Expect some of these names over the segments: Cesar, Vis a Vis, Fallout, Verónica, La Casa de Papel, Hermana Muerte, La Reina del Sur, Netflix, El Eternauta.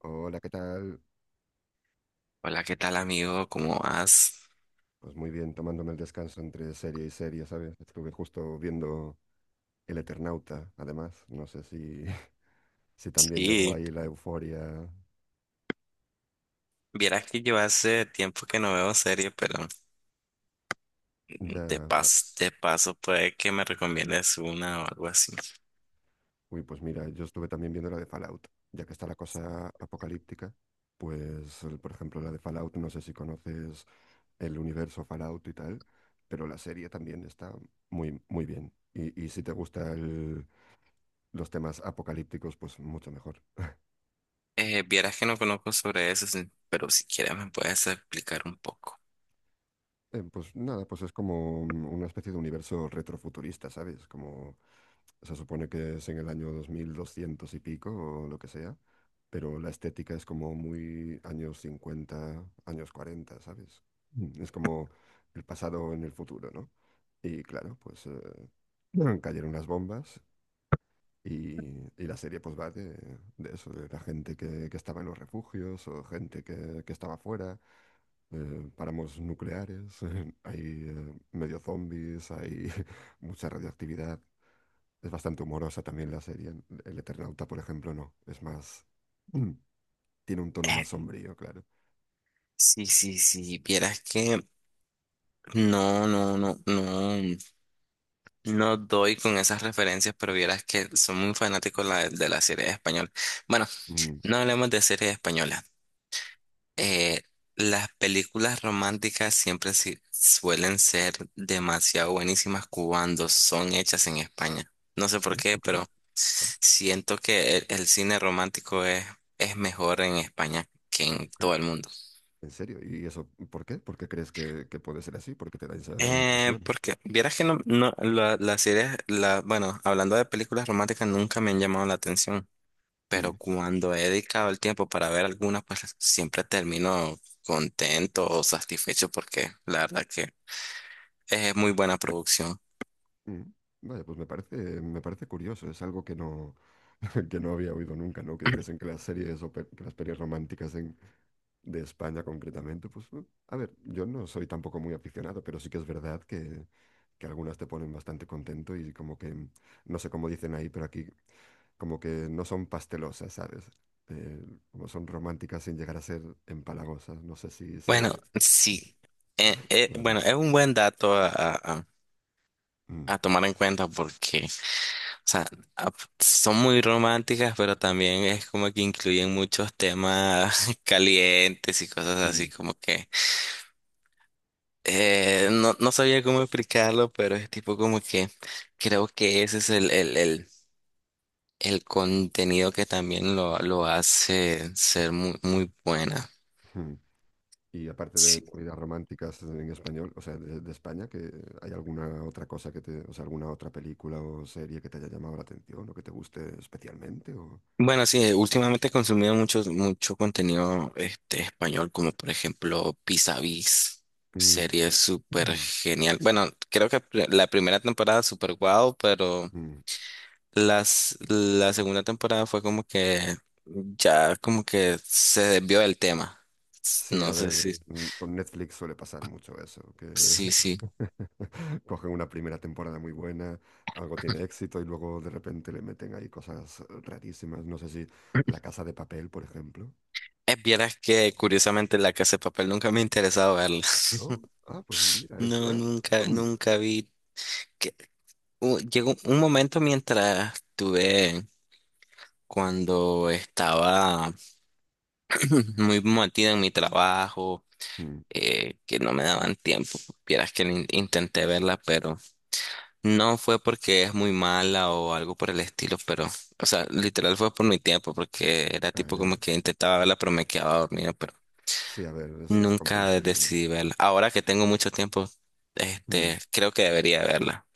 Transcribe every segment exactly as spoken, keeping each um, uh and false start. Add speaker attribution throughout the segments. Speaker 1: Hola, ¿qué tal?
Speaker 2: Hola, ¿qué tal amigo? ¿Cómo vas?
Speaker 1: Pues muy bien, tomándome el descanso entre serie y serie, ¿sabes? Estuve justo viendo El Eternauta, además. No sé si, si también llegó
Speaker 2: Sí,
Speaker 1: ahí la euforia.
Speaker 2: vieras que yo hace tiempo que no veo serie, pero de
Speaker 1: Ya. ah,
Speaker 2: paso, de paso puede que me recomiendes una o algo así.
Speaker 1: Uy, pues mira, yo estuve también viendo la de Fallout, ya que está la cosa apocalíptica. Pues, el- por ejemplo, la de Fallout, no sé si conoces el universo Fallout y tal, pero la serie también está muy, muy bien. Y, y si te gustan los temas apocalípticos, pues mucho mejor.
Speaker 2: Eh, vieras que no conozco sobre eso, sí, pero si quieres me puedes explicar un poco.
Speaker 1: Eh, pues nada, pues es como un- una especie de universo retrofuturista, ¿sabes? Como se supone que es en el año dos mil doscientos y pico o lo que sea, pero la estética es como muy años cincuenta, años cuarenta, ¿sabes? Mm, Es como el pasado en el futuro, ¿no? Y claro, pues eh, cayeron las bombas y, y la serie pues va de, de eso, de la gente que, que estaba en los refugios o gente que, que estaba fuera, eh, páramos nucleares, hay eh, medio zombies, hay mucha radioactividad. Es bastante humorosa también la serie. El Eternauta, por ejemplo, no. Es más, mm, tiene un tono
Speaker 2: Eh,
Speaker 1: más sombrío, claro.
Speaker 2: sí, sí, sí, vieras que no, no, no, no, no doy con esas referencias, pero vieras que soy muy fanático la- de la serie española. Bueno,
Speaker 1: Mm,
Speaker 2: no hablemos de series españolas. Eh, las películas románticas siempre si- suelen ser demasiado buenísimas cuando son hechas en España. No sé
Speaker 1: sí,
Speaker 2: por qué,
Speaker 1: ¿tú crees?
Speaker 2: pero
Speaker 1: Ah,
Speaker 2: siento que el, el cine romántico es, es mejor en España que
Speaker 1: yo
Speaker 2: en
Speaker 1: creo.
Speaker 2: todo el mundo.
Speaker 1: ¿En serio? ¿Y eso por qué? ¿Por qué crees que, que puede ser así? ¿Por qué te da esa
Speaker 2: Eh,
Speaker 1: impresión?
Speaker 2: porque vieras que no, no la- las series, la, bueno, hablando de películas románticas, nunca me han llamado la atención, pero
Speaker 1: Mm.
Speaker 2: cuando he dedicado el tiempo para ver alguna pues siempre termino contento o satisfecho porque la verdad que... es muy buena producción.
Speaker 1: Mm. Vaya, pues me parece, me parece curioso, es algo que no, que no había oído nunca, ¿no? Que dijesen que las series o pe- que las pelis románticas en- de España concretamente, pues eh, a ver, yo no soy tampoco muy aficionado, pero sí que es verdad que, que algunas te ponen bastante contento y como que, mm, no sé cómo dicen ahí, pero aquí como que no son pastelosas, ¿sabes? Eh, como son románticas sin llegar a ser empalagosas, no sé si
Speaker 2: Bueno,
Speaker 1: se.
Speaker 2: sí. Eh, eh,
Speaker 1: Vale.
Speaker 2: bueno, es un buen dato a, a- a-
Speaker 1: Mm,
Speaker 2: a tomar en cuenta porque, o sea, a- son muy románticas, pero también es como que incluyen muchos temas calientes y cosas así,
Speaker 1: mm,
Speaker 2: como que eh, no, no sabía cómo explicarlo, pero es tipo como que creo que ese es el, el, el, el contenido que también lo, lo hace ser muy, muy buena.
Speaker 1: mm. Y aparte de comidas románticas en español, o sea, de, de España, que hay alguna otra cosa que te, o sea, alguna otra película o serie que te haya llamado la atención o que te guste especialmente o.
Speaker 2: Bueno, sí, eh, últimamente he consumido mucho, mucho contenido este, español, como por ejemplo Vis a Vis,
Speaker 1: Mm,
Speaker 2: serie súper
Speaker 1: mm,
Speaker 2: genial. Bueno, creo que pr- la primera temporada súper guau, pero
Speaker 1: mm.
Speaker 2: las, la segunda temporada fue como que ya como que se desvió del tema. S-
Speaker 1: Sí,
Speaker 2: No
Speaker 1: a
Speaker 2: sé
Speaker 1: ver,
Speaker 2: si,
Speaker 1: mm, con Netflix suele pasar mucho eso, que
Speaker 2: sí, sí.
Speaker 1: cogen una primera temporada muy buena, algo tiene éxito y luego de repente le meten ahí cosas rarísimas. No sé si La Casa de Papel, por ejemplo,
Speaker 2: Eh, Vieras que curiosamente La Casa de Papel nunca me ha interesado verla.
Speaker 1: ¿no? Ah, pues mira, es.
Speaker 2: No,
Speaker 1: Ah,
Speaker 2: nunca,
Speaker 1: mm,
Speaker 2: nunca vi. U- llegó un momento mientras tuve, cuando estaba muy metida en mi trabajo,
Speaker 1: mm.
Speaker 2: eh, que no me daban tiempo. Vieras que in- intenté verla, pero no fue porque es muy mala o algo por el estilo, pero, o sea, literal fue por mi tiempo, porque era
Speaker 1: Ah,
Speaker 2: tipo
Speaker 1: ya.
Speaker 2: como que intentaba verla, pero me quedaba dormido, pero
Speaker 1: Sí, a ver, eso es
Speaker 2: nunca
Speaker 1: comprensible.
Speaker 2: decidí verla. Ahora que tengo mucho tiempo,
Speaker 1: Mm.
Speaker 2: este, creo que debería verla,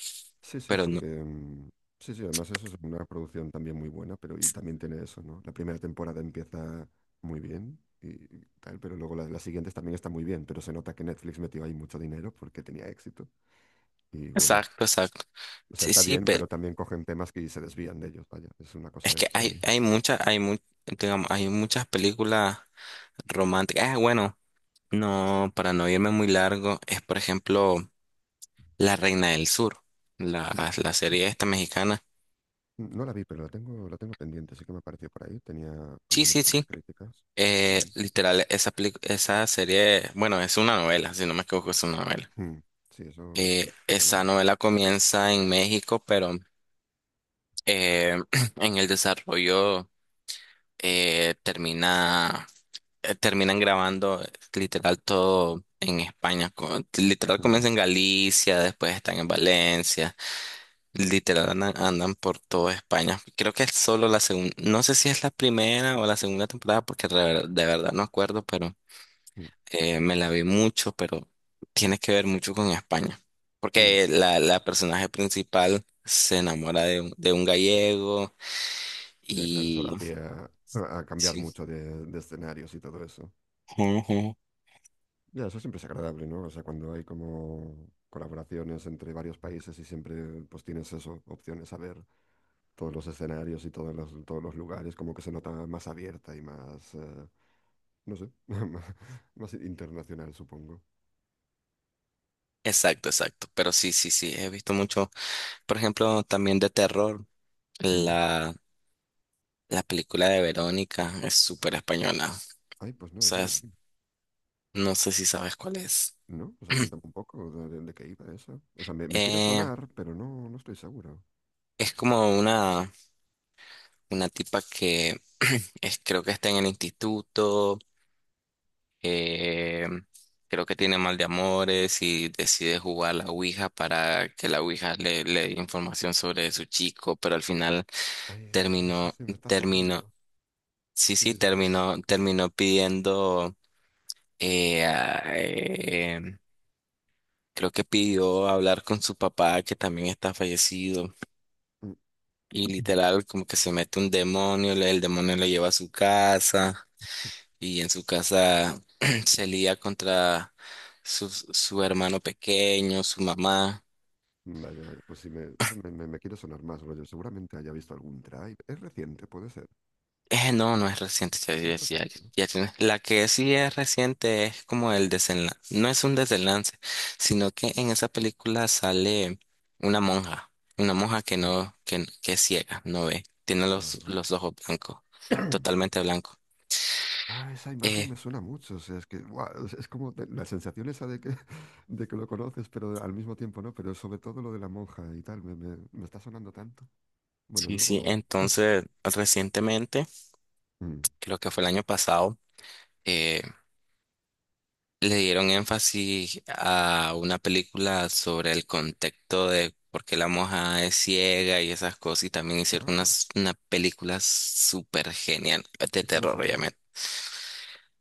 Speaker 1: Sí, sí,
Speaker 2: pero no.
Speaker 1: porque. mm, Sí, sí, además eso es una producción también muy buena, pero y también tiene eso, ¿no? La primera temporada empieza muy bien y, y tal, pero luego la- las siguientes también están muy bien, pero se nota que Netflix metió ahí mucho dinero porque tenía éxito. Y bueno,
Speaker 2: Exacto, exacto.
Speaker 1: o sea,
Speaker 2: Sí,
Speaker 1: está
Speaker 2: sí,
Speaker 1: bien, pero también cogen temas que se desvían de ellos, vaya, es una
Speaker 2: es
Speaker 1: cosa
Speaker 2: que hay,
Speaker 1: extraña.
Speaker 2: hay muchas, hay mu- digamos, hay muchas películas románticas. Ah, bueno, no, para no irme muy largo, es por ejemplo La Reina del Sur,
Speaker 1: Mm.
Speaker 2: la, la
Speaker 1: O
Speaker 2: serie esta mexicana.
Speaker 1: no la vi, pero la tengo, la tengo pendiente, sí que me apareció por ahí, tenía como
Speaker 2: Sí,
Speaker 1: muy
Speaker 2: sí,
Speaker 1: buenas
Speaker 2: sí.
Speaker 1: críticas.
Speaker 2: Eh,
Speaker 1: Mm.
Speaker 2: literal, esa peli- esa serie, bueno, es una novela, si no me equivoco, es una novela.
Speaker 1: Mm. Sí, eso sí que
Speaker 2: Eh,
Speaker 1: no
Speaker 2: esa
Speaker 1: sonaba.
Speaker 2: novela comienza en México, pero eh, en el desarrollo eh, termina. eh, terminan grabando eh, literal todo en España. co- Literal
Speaker 1: Mm.
Speaker 2: comienza en Galicia, después están en Valencia. Literal andan, andan por toda España. Creo que es solo la segunda, no sé si es la primera o la segunda temporada, porque de, ver- de verdad no acuerdo, pero
Speaker 1: Mm.
Speaker 2: eh, me la vi mucho, pero tiene que ver mucho con España.
Speaker 1: Mm.
Speaker 2: Porque la, la personaje principal se enamora de un, de un gallego
Speaker 1: Ya, claro, eso
Speaker 2: y...
Speaker 1: da pie a, a cambiar
Speaker 2: Sí.
Speaker 1: mucho de, de escenarios y todo eso.
Speaker 2: Ujú.
Speaker 1: Ya, eso siempre es agradable, ¿no? O sea, cuando hay como colaboraciones entre varios países y siempre pues tienes eso, opciones a ver todos los escenarios y todos los, todos los lugares, como que se nota más abierta y más, eh, no sé, más, más internacional, supongo.
Speaker 2: Exacto, exacto. Pero sí, sí, sí, he visto mucho. Por ejemplo, también de terror,
Speaker 1: Mm.
Speaker 2: la, la película de Verónica es súper española. O
Speaker 1: Ay, pues no, eso
Speaker 2: sea,
Speaker 1: no.
Speaker 2: es- no sé si sabes cuál es.
Speaker 1: ¿No? O sea, cuéntame un poco de, de- de qué iba eso. O sea, me, me quiere
Speaker 2: Eh,
Speaker 1: sonar, pero no, no estoy seguro.
Speaker 2: es como una, una tipa que es, creo que está en el instituto, eh, creo que tiene mal de amores y decide jugar a la Ouija para que la Ouija le, le dé información sobre su chico, pero al final
Speaker 1: Ay, vale, sí,
Speaker 2: terminó,
Speaker 1: sí, me está
Speaker 2: terminó,
Speaker 1: sonando.
Speaker 2: sí,
Speaker 1: Sí,
Speaker 2: sí,
Speaker 1: sí, sí, sí.
Speaker 2: terminó, terminó pidiendo. Eh, ah, eh, creo que pidió hablar con su papá, que también está fallecido. Y literal, como que se mete un demonio, le- el demonio le lleva a su casa. Y en su casa se lía contra su, su hermano pequeño, su mamá.
Speaker 1: Vaya, vaya, pues sí, me, eso me, me, me quiere sonar más, rollo. Seguramente haya visto algún drive. Es reciente, puede ser.
Speaker 2: Eh, no, no es reciente, ya,
Speaker 1: No
Speaker 2: ya, ya,
Speaker 1: reciente, ¿no?
Speaker 2: ya tiene... la que sí es reciente es como el desenlace, no es un desenlace, sino que en esa película sale una monja, una monja que
Speaker 1: Mm,
Speaker 2: no, que, que es ciega, no ve, tiene los,
Speaker 1: ajá.
Speaker 2: los ojos blancos, totalmente blanco.
Speaker 1: Ah, esa imagen
Speaker 2: Eh,
Speaker 1: me suena mucho. O sea, es que guau, es es como de- la sensación esa de que, de que lo conoces, pero al mismo tiempo no. Pero sobre todo lo de la monja y tal, me, me, me está sonando tanto. Bueno,
Speaker 2: sí, sí,
Speaker 1: luego.
Speaker 2: entonces recientemente,
Speaker 1: Mm,
Speaker 2: creo que fue el año pasado, eh, le dieron énfasis a una película sobre el contexto de por qué la moja es ciega y esas cosas, y también hicieron una,
Speaker 1: ah,
Speaker 2: una película súper genial de
Speaker 1: ¿y cómo
Speaker 2: terror,
Speaker 1: se llama?
Speaker 2: obviamente.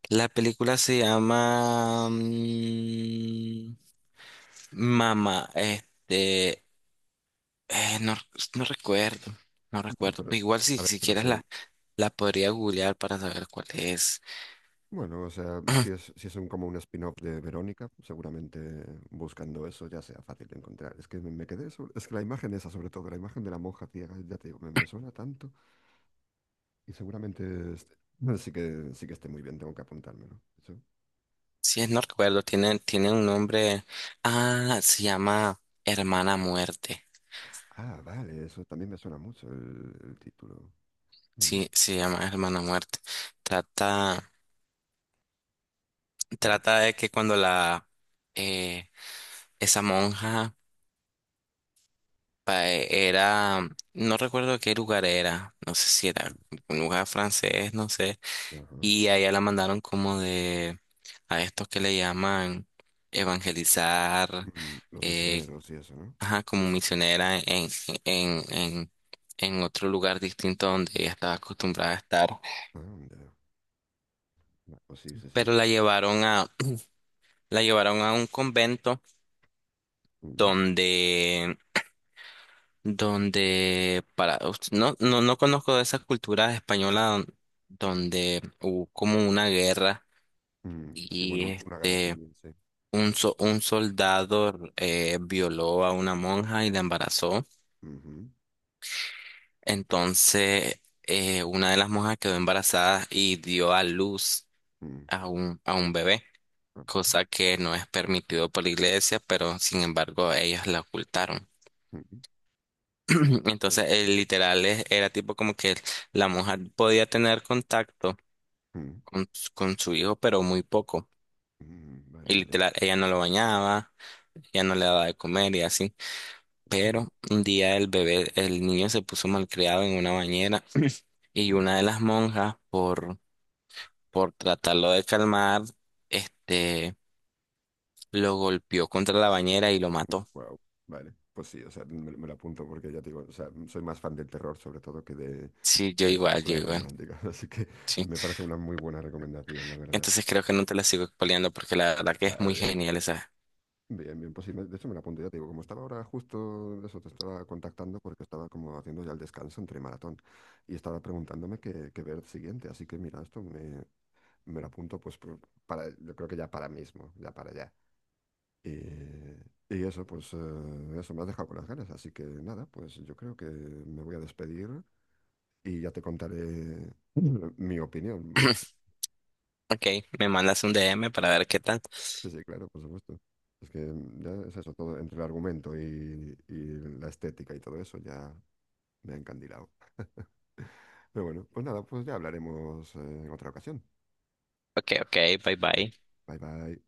Speaker 2: La película se llama mm, Mamá, este, eh, no, no recuerdo, no
Speaker 1: Bueno,
Speaker 2: recuerdo,
Speaker 1: pero.
Speaker 2: pero igual si,
Speaker 1: A ver,
Speaker 2: si
Speaker 1: pero
Speaker 2: quieres
Speaker 1: se,
Speaker 2: la, la podría googlear para saber cuál es.
Speaker 1: bueno, o sea, si es, si es un- como un spin-off de Verónica, seguramente buscando eso ya sea fácil de encontrar. Es que me, me quedé sobre- es que la imagen esa, sobre todo, la imagen de la monja ciega, ya te digo, me, me suena tanto y seguramente este- sí que, sí que esté muy bien, tengo que apuntármelo. Eso.
Speaker 2: Sí, no recuerdo, tiene, tiene un nombre. Ah, se llama Hermana Muerte.
Speaker 1: Ah, vale, eso también me suena mucho el, el título. Mm,
Speaker 2: Sí, se llama Hermana Muerte. Trata,
Speaker 1: mm,
Speaker 2: trata de que cuando la eh, esa monja pa- era, no recuerdo qué lugar era, no sé si era un lugar francés, no sé.
Speaker 1: mm, ajá.
Speaker 2: Y a ella la mandaron como de a estos que le llaman evangelizar,
Speaker 1: Mm, Los
Speaker 2: eh,
Speaker 1: misioneros y eso, ¿no?
Speaker 2: ajá, como misionera en, en, en, en otro lugar distinto donde ella estaba acostumbrada a estar.
Speaker 1: Anda. Ah, pues sí, sí, sí.
Speaker 2: Pero la llevaron a, la llevaron a un convento
Speaker 1: Mm,
Speaker 2: donde, donde para, no, no, no conozco de esa cultura española don- donde hubo como una guerra
Speaker 1: mm, sí,
Speaker 2: y
Speaker 1: bueno, un- una guerra
Speaker 2: este,
Speaker 1: civil, sí.
Speaker 2: un, so- un soldado eh, violó a una monja y la embarazó.
Speaker 1: Ujú,
Speaker 2: Entonces, eh, una de las monjas quedó embarazada y dio a luz
Speaker 1: mm,
Speaker 2: a un, a un bebé,
Speaker 1: ah,
Speaker 2: cosa que no es permitido por la iglesia, pero sin embargo ellos la ocultaron.
Speaker 1: ujú. Bueno,
Speaker 2: Entonces,
Speaker 1: pues sí.
Speaker 2: el literal es- era tipo como que la mujer podía tener contacto
Speaker 1: Mm,
Speaker 2: con, s- con su hijo, pero muy poco.
Speaker 1: mm, vale,
Speaker 2: Y
Speaker 1: vale.
Speaker 2: literal, ella no lo bañaba, ella no le daba de comer y así. Pero un día el bebé, el niño se puso malcriado en una bañera y una de las monjas, por, por tratarlo de calmar, este, lo golpeó contra la bañera y lo mató.
Speaker 1: Wow, vale. Pues sí, o sea, me, me lo apunto porque ya te digo, o sea, soy más fan del terror sobre todo que de,
Speaker 2: Sí, yo
Speaker 1: de
Speaker 2: igual, yo
Speaker 1: películas
Speaker 2: igual.
Speaker 1: románticas, así que
Speaker 2: Sí.
Speaker 1: me parece una muy buena recomendación, la verdad.
Speaker 2: Entonces creo que no te la sigo expoliando porque la verdad que es
Speaker 1: Vale,
Speaker 2: muy
Speaker 1: bien,
Speaker 2: genial esa.
Speaker 1: bien, bien, pues sí, me- de hecho me lo apunto, ya te digo, como estaba ahora justo, eso, te estaba contactando porque estaba como haciendo ya el descanso entre maratón y estaba preguntándome qué, qué ver siguiente, así que mira, esto me, me lo apunto pues por- para, yo creo que ya para mismo, ya para ya. Y, y eso, pues, eh, eso me ha dejado con las ganas. Así que nada, pues yo creo que me voy a despedir y ya te contaré mi opinión.
Speaker 2: Ok, me mandas un D M para ver qué tal.
Speaker 1: Sí, sí, claro, por supuesto. Es que mm, ya es eso, todo entre el argumento y, y la estética y todo eso, ya me ha encandilado. Pero bueno, pues nada, pues ya hablaremos eh, en otra ocasión.
Speaker 2: Ok, ok, bye bye.
Speaker 1: Bye bye.